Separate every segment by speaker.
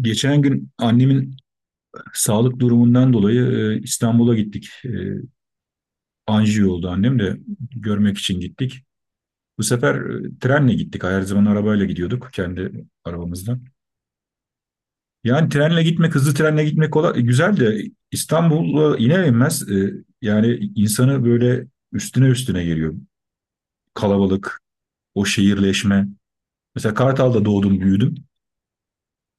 Speaker 1: Geçen gün annemin sağlık durumundan dolayı İstanbul'a gittik. Anjiyo oldu annem de görmek için gittik. Bu sefer trenle gittik. Her zaman arabayla gidiyorduk kendi arabamızdan. Yani trenle gitmek, hızlı trenle gitmek kolay, güzel de İstanbul'a iner inmez yani insanı böyle üstüne üstüne geliyor. Kalabalık, o şehirleşme. Mesela Kartal'da doğdum, büyüdüm.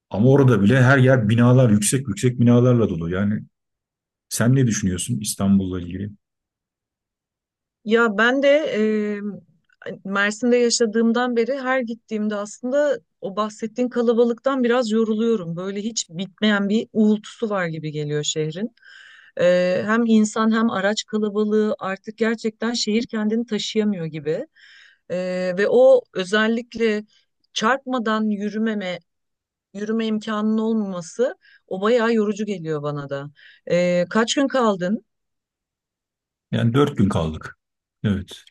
Speaker 1: Ama orada bile her yer binalar, yüksek yüksek binalarla dolu. Yani sen ne düşünüyorsun İstanbul'la ilgili?
Speaker 2: Ya ben de Mersin'de yaşadığımdan beri her gittiğimde aslında o bahsettiğin kalabalıktan biraz yoruluyorum. Böyle hiç bitmeyen bir uğultusu var gibi geliyor şehrin. Hem insan hem araç kalabalığı artık gerçekten şehir kendini taşıyamıyor gibi. E, Ve o özellikle çarpmadan yürümeme, yürüme imkanının olmaması o bayağı yorucu geliyor bana da. Kaç gün kaldın?
Speaker 1: Yani dört gün kaldık. Evet.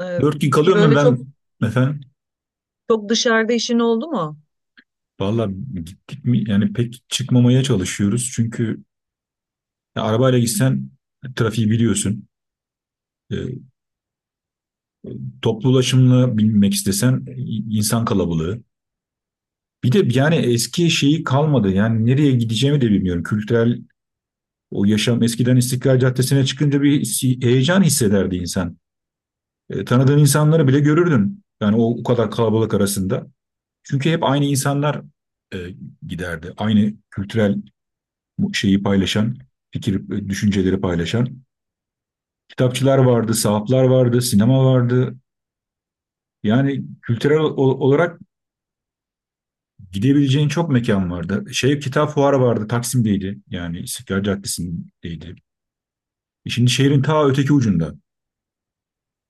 Speaker 2: E,
Speaker 1: Dört gün
Speaker 2: peki
Speaker 1: kalıyor mu
Speaker 2: böyle çok
Speaker 1: ben efendim?
Speaker 2: Çok dışarıda işin oldu mu?
Speaker 1: Valla gittik mi? Yani pek çıkmamaya çalışıyoruz. Çünkü ya arabayla gitsen trafiği biliyorsun. E, Toplu ulaşımla binmek istesen insan kalabalığı. Bir de yani eski şeyi kalmadı. Yani nereye gideceğimi de bilmiyorum. Kültürel o yaşam eskiden İstiklal Caddesi'ne çıkınca bir heyecan hissederdi insan. Tanıdığın insanları bile görürdün. Yani o kadar kalabalık arasında. Çünkü hep aynı insanlar e, giderdi. Aynı kültürel şeyi paylaşan, fikir, düşünceleri paylaşan. Kitapçılar vardı, sahaflar vardı, sinema vardı. Yani kültürel olarak gidebileceğin çok mekan vardı. Şey kitap fuarı vardı, Taksim'deydi. Yani İstiklal Caddesi'ndeydi. Şimdi şehrin ta öteki ucunda.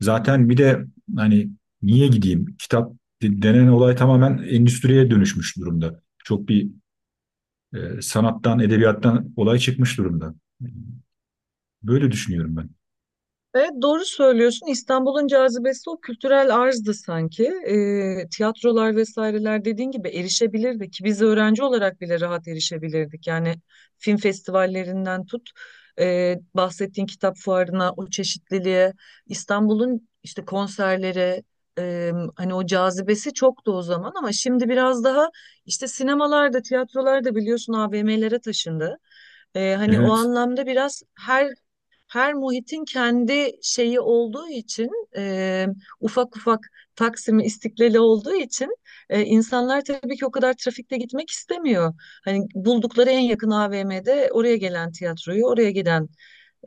Speaker 1: Zaten bir de hani niye gideyim? Kitap denen olay tamamen endüstriye dönüşmüş durumda. Çok bir sanattan, edebiyattan olay çıkmış durumda. Böyle düşünüyorum ben.
Speaker 2: Evet, doğru söylüyorsun. İstanbul'un cazibesi o kültürel arzdı sanki. Tiyatrolar vesaireler dediğin gibi erişebilirdi ki biz öğrenci olarak bile rahat erişebilirdik. Yani film festivallerinden tut bahsettiğin kitap fuarına, o çeşitliliğe, İstanbul'un işte konserlere, e, hani o cazibesi çoktu o zaman, ama şimdi biraz daha işte sinemalarda, tiyatrolarda biliyorsun AVM'lere taşındı. Hani o
Speaker 1: Evet.
Speaker 2: anlamda biraz her muhitin kendi şeyi olduğu için, e, ufak ufak Taksim'i, İstiklal'i olduğu için, insanlar tabii ki o kadar trafikte gitmek istemiyor. Hani buldukları en yakın AVM'de oraya gelen tiyatroyu, oraya giden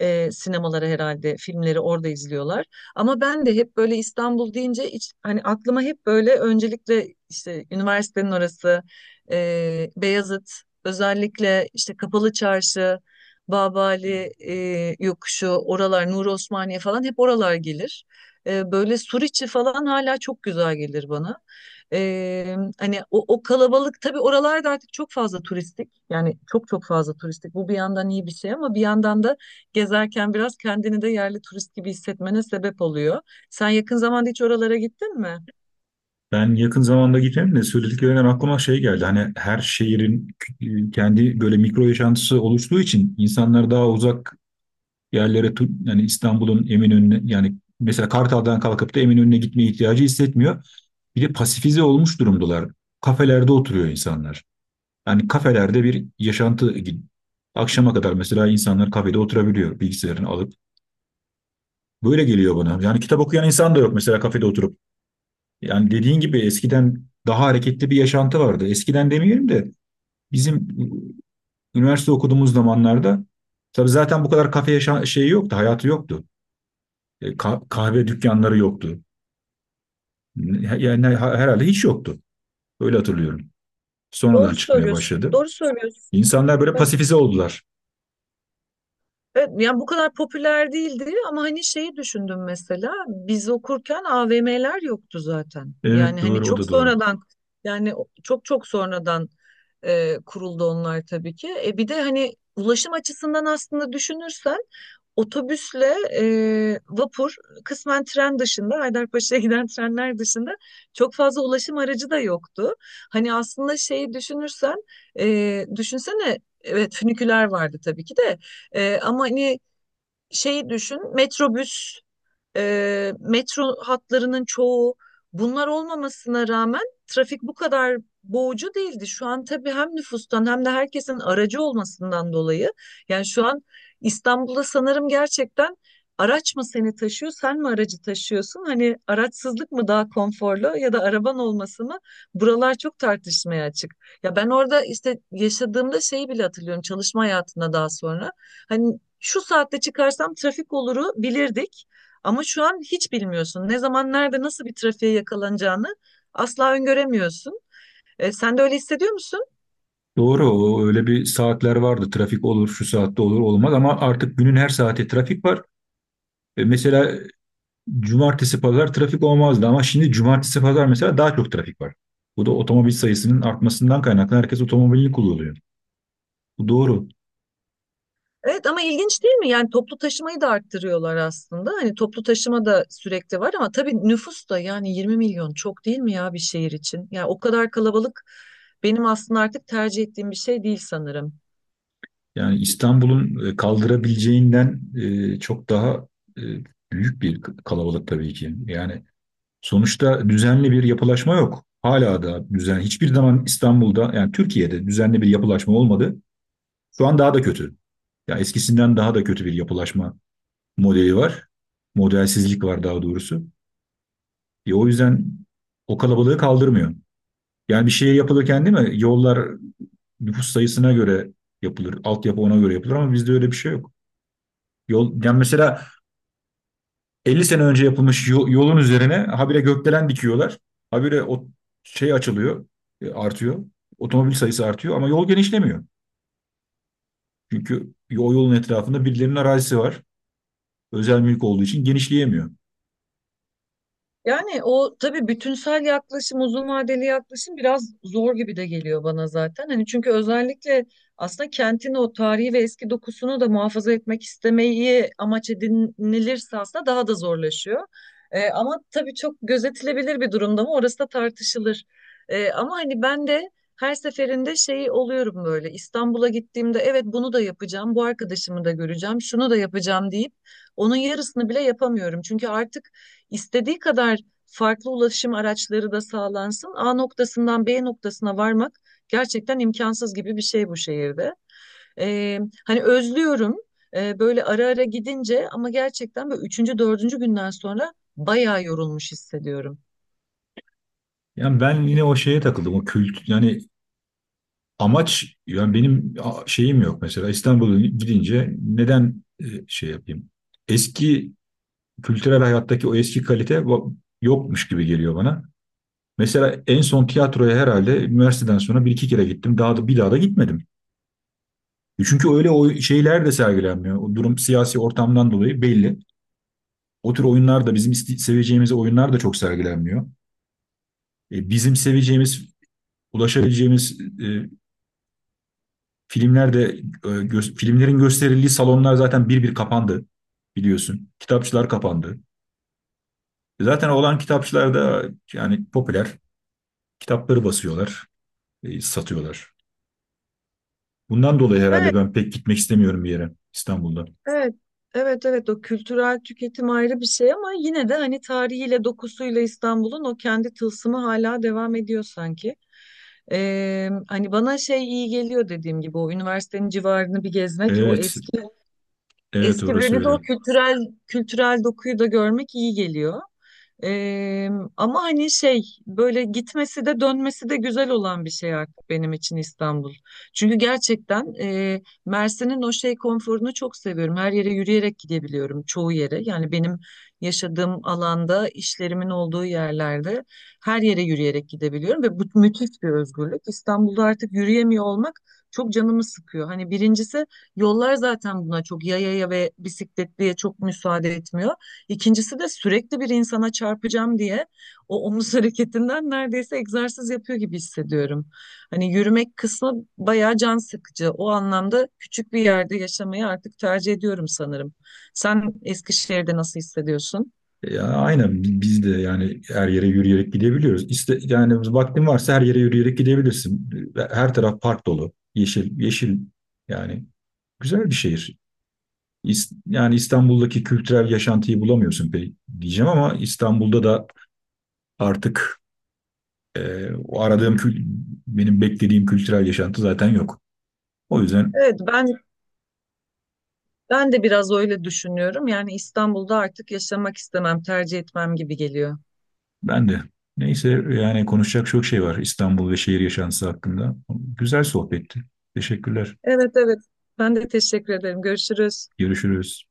Speaker 2: sinemalara herhalde filmleri orada izliyorlar. Ama ben de hep böyle İstanbul deyince hiç, hani aklıma hep böyle öncelikle işte üniversitenin orası, Beyazıt, özellikle işte Kapalı Çarşı, Babali yokuşu, oralar, Nuri Osmaniye falan hep oralar gelir. Böyle Suriçi falan hala çok güzel gelir bana. Hani o, o kalabalık tabii oralarda artık çok fazla turistik, yani çok çok fazla turistik. Bu bir yandan iyi bir şey ama bir yandan da gezerken biraz kendini de yerli turist gibi hissetmene sebep oluyor. Sen yakın zamanda hiç oralara gittin mi?
Speaker 1: Ben yakın zamanda gitmedim de söylediklerinden aklıma şey geldi. Hani her şehrin kendi böyle mikro yaşantısı oluştuğu için insanlar daha uzak yerlere yani İstanbul'un Eminönü'ne yani mesela Kartal'dan kalkıp da Eminönü'ne gitmeye ihtiyacı hissetmiyor. Bir de pasifize olmuş durumdalar. Kafelerde oturuyor insanlar. Yani kafelerde bir yaşantı akşama kadar mesela insanlar kafede oturabiliyor bilgisayarını alıp. Böyle geliyor bana. Yani kitap okuyan insan da yok mesela kafede oturup. Yani dediğin gibi eskiden daha hareketli bir yaşantı vardı. Eskiden demeyelim de bizim üniversite okuduğumuz zamanlarda tabii zaten bu kadar kafe şeyi yoktu, hayatı yoktu. Kahve dükkanları yoktu. Yani herhalde hiç yoktu. Öyle hatırlıyorum. Sonradan
Speaker 2: Doğru
Speaker 1: çıkmaya
Speaker 2: söylüyorsun.
Speaker 1: başladı.
Speaker 2: Doğru söylüyorsun.
Speaker 1: İnsanlar böyle pasifize oldular.
Speaker 2: Evet, yani bu kadar popüler değildi, ama hani şeyi düşündüm mesela biz okurken AVM'ler yoktu zaten.
Speaker 1: Evet
Speaker 2: Yani hani
Speaker 1: doğru o
Speaker 2: çok
Speaker 1: da doğru.
Speaker 2: sonradan, yani çok çok sonradan kuruldu onlar tabii ki. Bir de hani ulaşım açısından aslında düşünürsen otobüsle, vapur, kısmen tren dışında, Haydarpaşa'ya giden trenler dışında çok fazla ulaşım aracı da yoktu. Hani aslında şeyi düşünürsen, e, düşünsene evet, füniküler vardı tabii ki de. Ama hani şeyi düşün, metrobüs, metro hatlarının çoğu bunlar olmamasına rağmen trafik bu kadar boğucu değildi. Şu an tabii hem nüfustan hem de herkesin aracı olmasından dolayı, yani şu an İstanbul'da sanırım gerçekten araç mı seni taşıyor, sen mi aracı taşıyorsun? Hani araçsızlık mı daha konforlu ya da araban olması mı? Buralar çok tartışmaya açık. Ya ben orada işte yaşadığımda şeyi bile hatırlıyorum, çalışma hayatında daha sonra. Hani şu saatte çıkarsam trafik oluru bilirdik. Ama şu an hiç bilmiyorsun. Ne zaman, nerede, nasıl bir trafiğe yakalanacağını asla öngöremiyorsun. Sen de öyle hissediyor musun?
Speaker 1: Doğru, o öyle bir saatler vardı. Trafik olur, şu saatte olur, olmaz ama artık günün her saati trafik var. Mesela cumartesi pazar trafik olmazdı ama şimdi cumartesi pazar mesela daha çok trafik var. Bu da otomobil sayısının artmasından kaynaklı herkes otomobilini kullanıyor. Bu doğru.
Speaker 2: Evet, ama ilginç değil mi? Yani toplu taşımayı da arttırıyorlar aslında. Hani toplu taşıma da sürekli var, ama tabii nüfus da, yani 20 milyon çok değil mi ya bir şehir için? Yani o kadar kalabalık benim aslında artık tercih ettiğim bir şey değil sanırım.
Speaker 1: Yani İstanbul'un kaldırabileceğinden çok daha e, büyük bir kalabalık tabii ki. Yani sonuçta düzenli bir yapılaşma yok. Hala da düzen hiçbir zaman İstanbul'da yani Türkiye'de düzenli bir yapılaşma olmadı. Şu an daha da kötü. Ya eskisinden daha da kötü bir yapılaşma modeli var. Modelsizlik var daha doğrusu. O yüzden o kalabalığı kaldırmıyor. Yani bir şey yapılırken değil mi? Yollar nüfus sayısına göre yapılır. Altyapı ona göre yapılır ama bizde öyle bir şey yok. Yol, yani mesela 50 sene önce yapılmış yolun üzerine habire gökdelen dikiyorlar. Habire o şey açılıyor, artıyor. Otomobil sayısı artıyor ama yol genişlemiyor. Çünkü o yolun etrafında birilerinin arazisi var. Özel mülk olduğu için genişleyemiyor.
Speaker 2: Yani o tabii bütünsel yaklaşım, uzun vadeli yaklaşım biraz zor gibi de geliyor bana zaten. Hani çünkü özellikle aslında kentin o tarihi ve eski dokusunu da muhafaza etmek istemeyi amaç edinilirse aslında daha da zorlaşıyor. Ama tabii çok gözetilebilir bir durumda mı orası da tartışılır. Ama hani ben de her seferinde şey oluyorum, böyle İstanbul'a gittiğimde, evet bunu da yapacağım, bu arkadaşımı da göreceğim, şunu da yapacağım deyip onun yarısını bile yapamıyorum. Çünkü artık İstediği kadar farklı ulaşım araçları da sağlansın, A noktasından B noktasına varmak gerçekten imkansız gibi bir şey bu şehirde. Ee, Hani özlüyorum, böyle ara ara gidince, ama gerçekten böyle üçüncü, dördüncü günden sonra bayağı yorulmuş hissediyorum.
Speaker 1: Yani ben yine o şeye takıldım. O kült yani amaç yani benim şeyim yok mesela İstanbul'a gidince neden şey yapayım? Eski kültürel hayattaki o eski kalite yokmuş gibi geliyor bana. Mesela en son tiyatroya herhalde üniversiteden sonra bir iki kere gittim. Daha da bir daha da gitmedim. Çünkü öyle o şeyler de sergilenmiyor. O durum siyasi ortamdan dolayı belli. O tür oyunlar da bizim seveceğimiz oyunlar da çok sergilenmiyor. Bizim seveceğimiz, ulaşabileceğimiz filmlerde filmlerin gösterildiği salonlar zaten bir kapandı biliyorsun. Kitapçılar kapandı. Zaten olan kitapçılar da yani popüler kitapları basıyorlar, satıyorlar. Bundan dolayı herhalde
Speaker 2: Evet.
Speaker 1: ben pek gitmek istemiyorum bir yere İstanbul'da.
Speaker 2: Evet, evet, evet, o kültürel tüketim ayrı bir şey, ama yine de hani tarihiyle, dokusuyla İstanbul'un o kendi tılsımı hala devam ediyor sanki. Hani bana şey iyi geliyor, dediğim gibi o üniversitenin civarını bir gezmek, o
Speaker 1: Evet,
Speaker 2: eski
Speaker 1: evet
Speaker 2: eski
Speaker 1: orası
Speaker 2: böyle de
Speaker 1: öyle.
Speaker 2: o kültürel dokuyu da görmek iyi geliyor. Eee, Ama hani şey, böyle gitmesi de dönmesi de güzel olan bir şey artık benim için İstanbul. Çünkü gerçekten Mersin'in o şey konforunu çok seviyorum. Her yere yürüyerek gidebiliyorum çoğu yere. Yani benim yaşadığım alanda, işlerimin olduğu yerlerde her yere yürüyerek gidebiliyorum ve bu müthiş bir özgürlük. İstanbul'da artık yürüyemiyor olmak çok canımı sıkıyor. Hani birincisi, yollar zaten buna, çok yayaya ve bisikletliye çok müsaade etmiyor. İkincisi de sürekli bir insana çarpacağım diye o omuz hareketinden neredeyse egzersiz yapıyor gibi hissediyorum. Hani yürümek kısmı bayağı can sıkıcı. O anlamda küçük bir yerde yaşamayı artık tercih ediyorum sanırım. Sen Eskişehir'de nasıl hissediyorsun?
Speaker 1: Ya aynen biz de yani her yere yürüyerek gidebiliyoruz. İste, yani vaktin varsa her yere yürüyerek gidebilirsin. Her taraf park dolu, yeşil, yeşil yani güzel bir şehir. Yani İstanbul'daki kültürel yaşantıyı bulamıyorsun pek diyeceğim ama İstanbul'da da artık o aradığım benim beklediğim kültürel yaşantı zaten yok. O yüzden
Speaker 2: Evet, ben de biraz öyle düşünüyorum. Yani İstanbul'da artık yaşamak istemem, tercih etmem gibi geliyor.
Speaker 1: ben de neyse yani konuşacak çok şey var İstanbul ve şehir yaşantısı hakkında. Güzel sohbetti. Teşekkürler.
Speaker 2: Evet, evet. Ben de teşekkür ederim. Görüşürüz.
Speaker 1: Görüşürüz.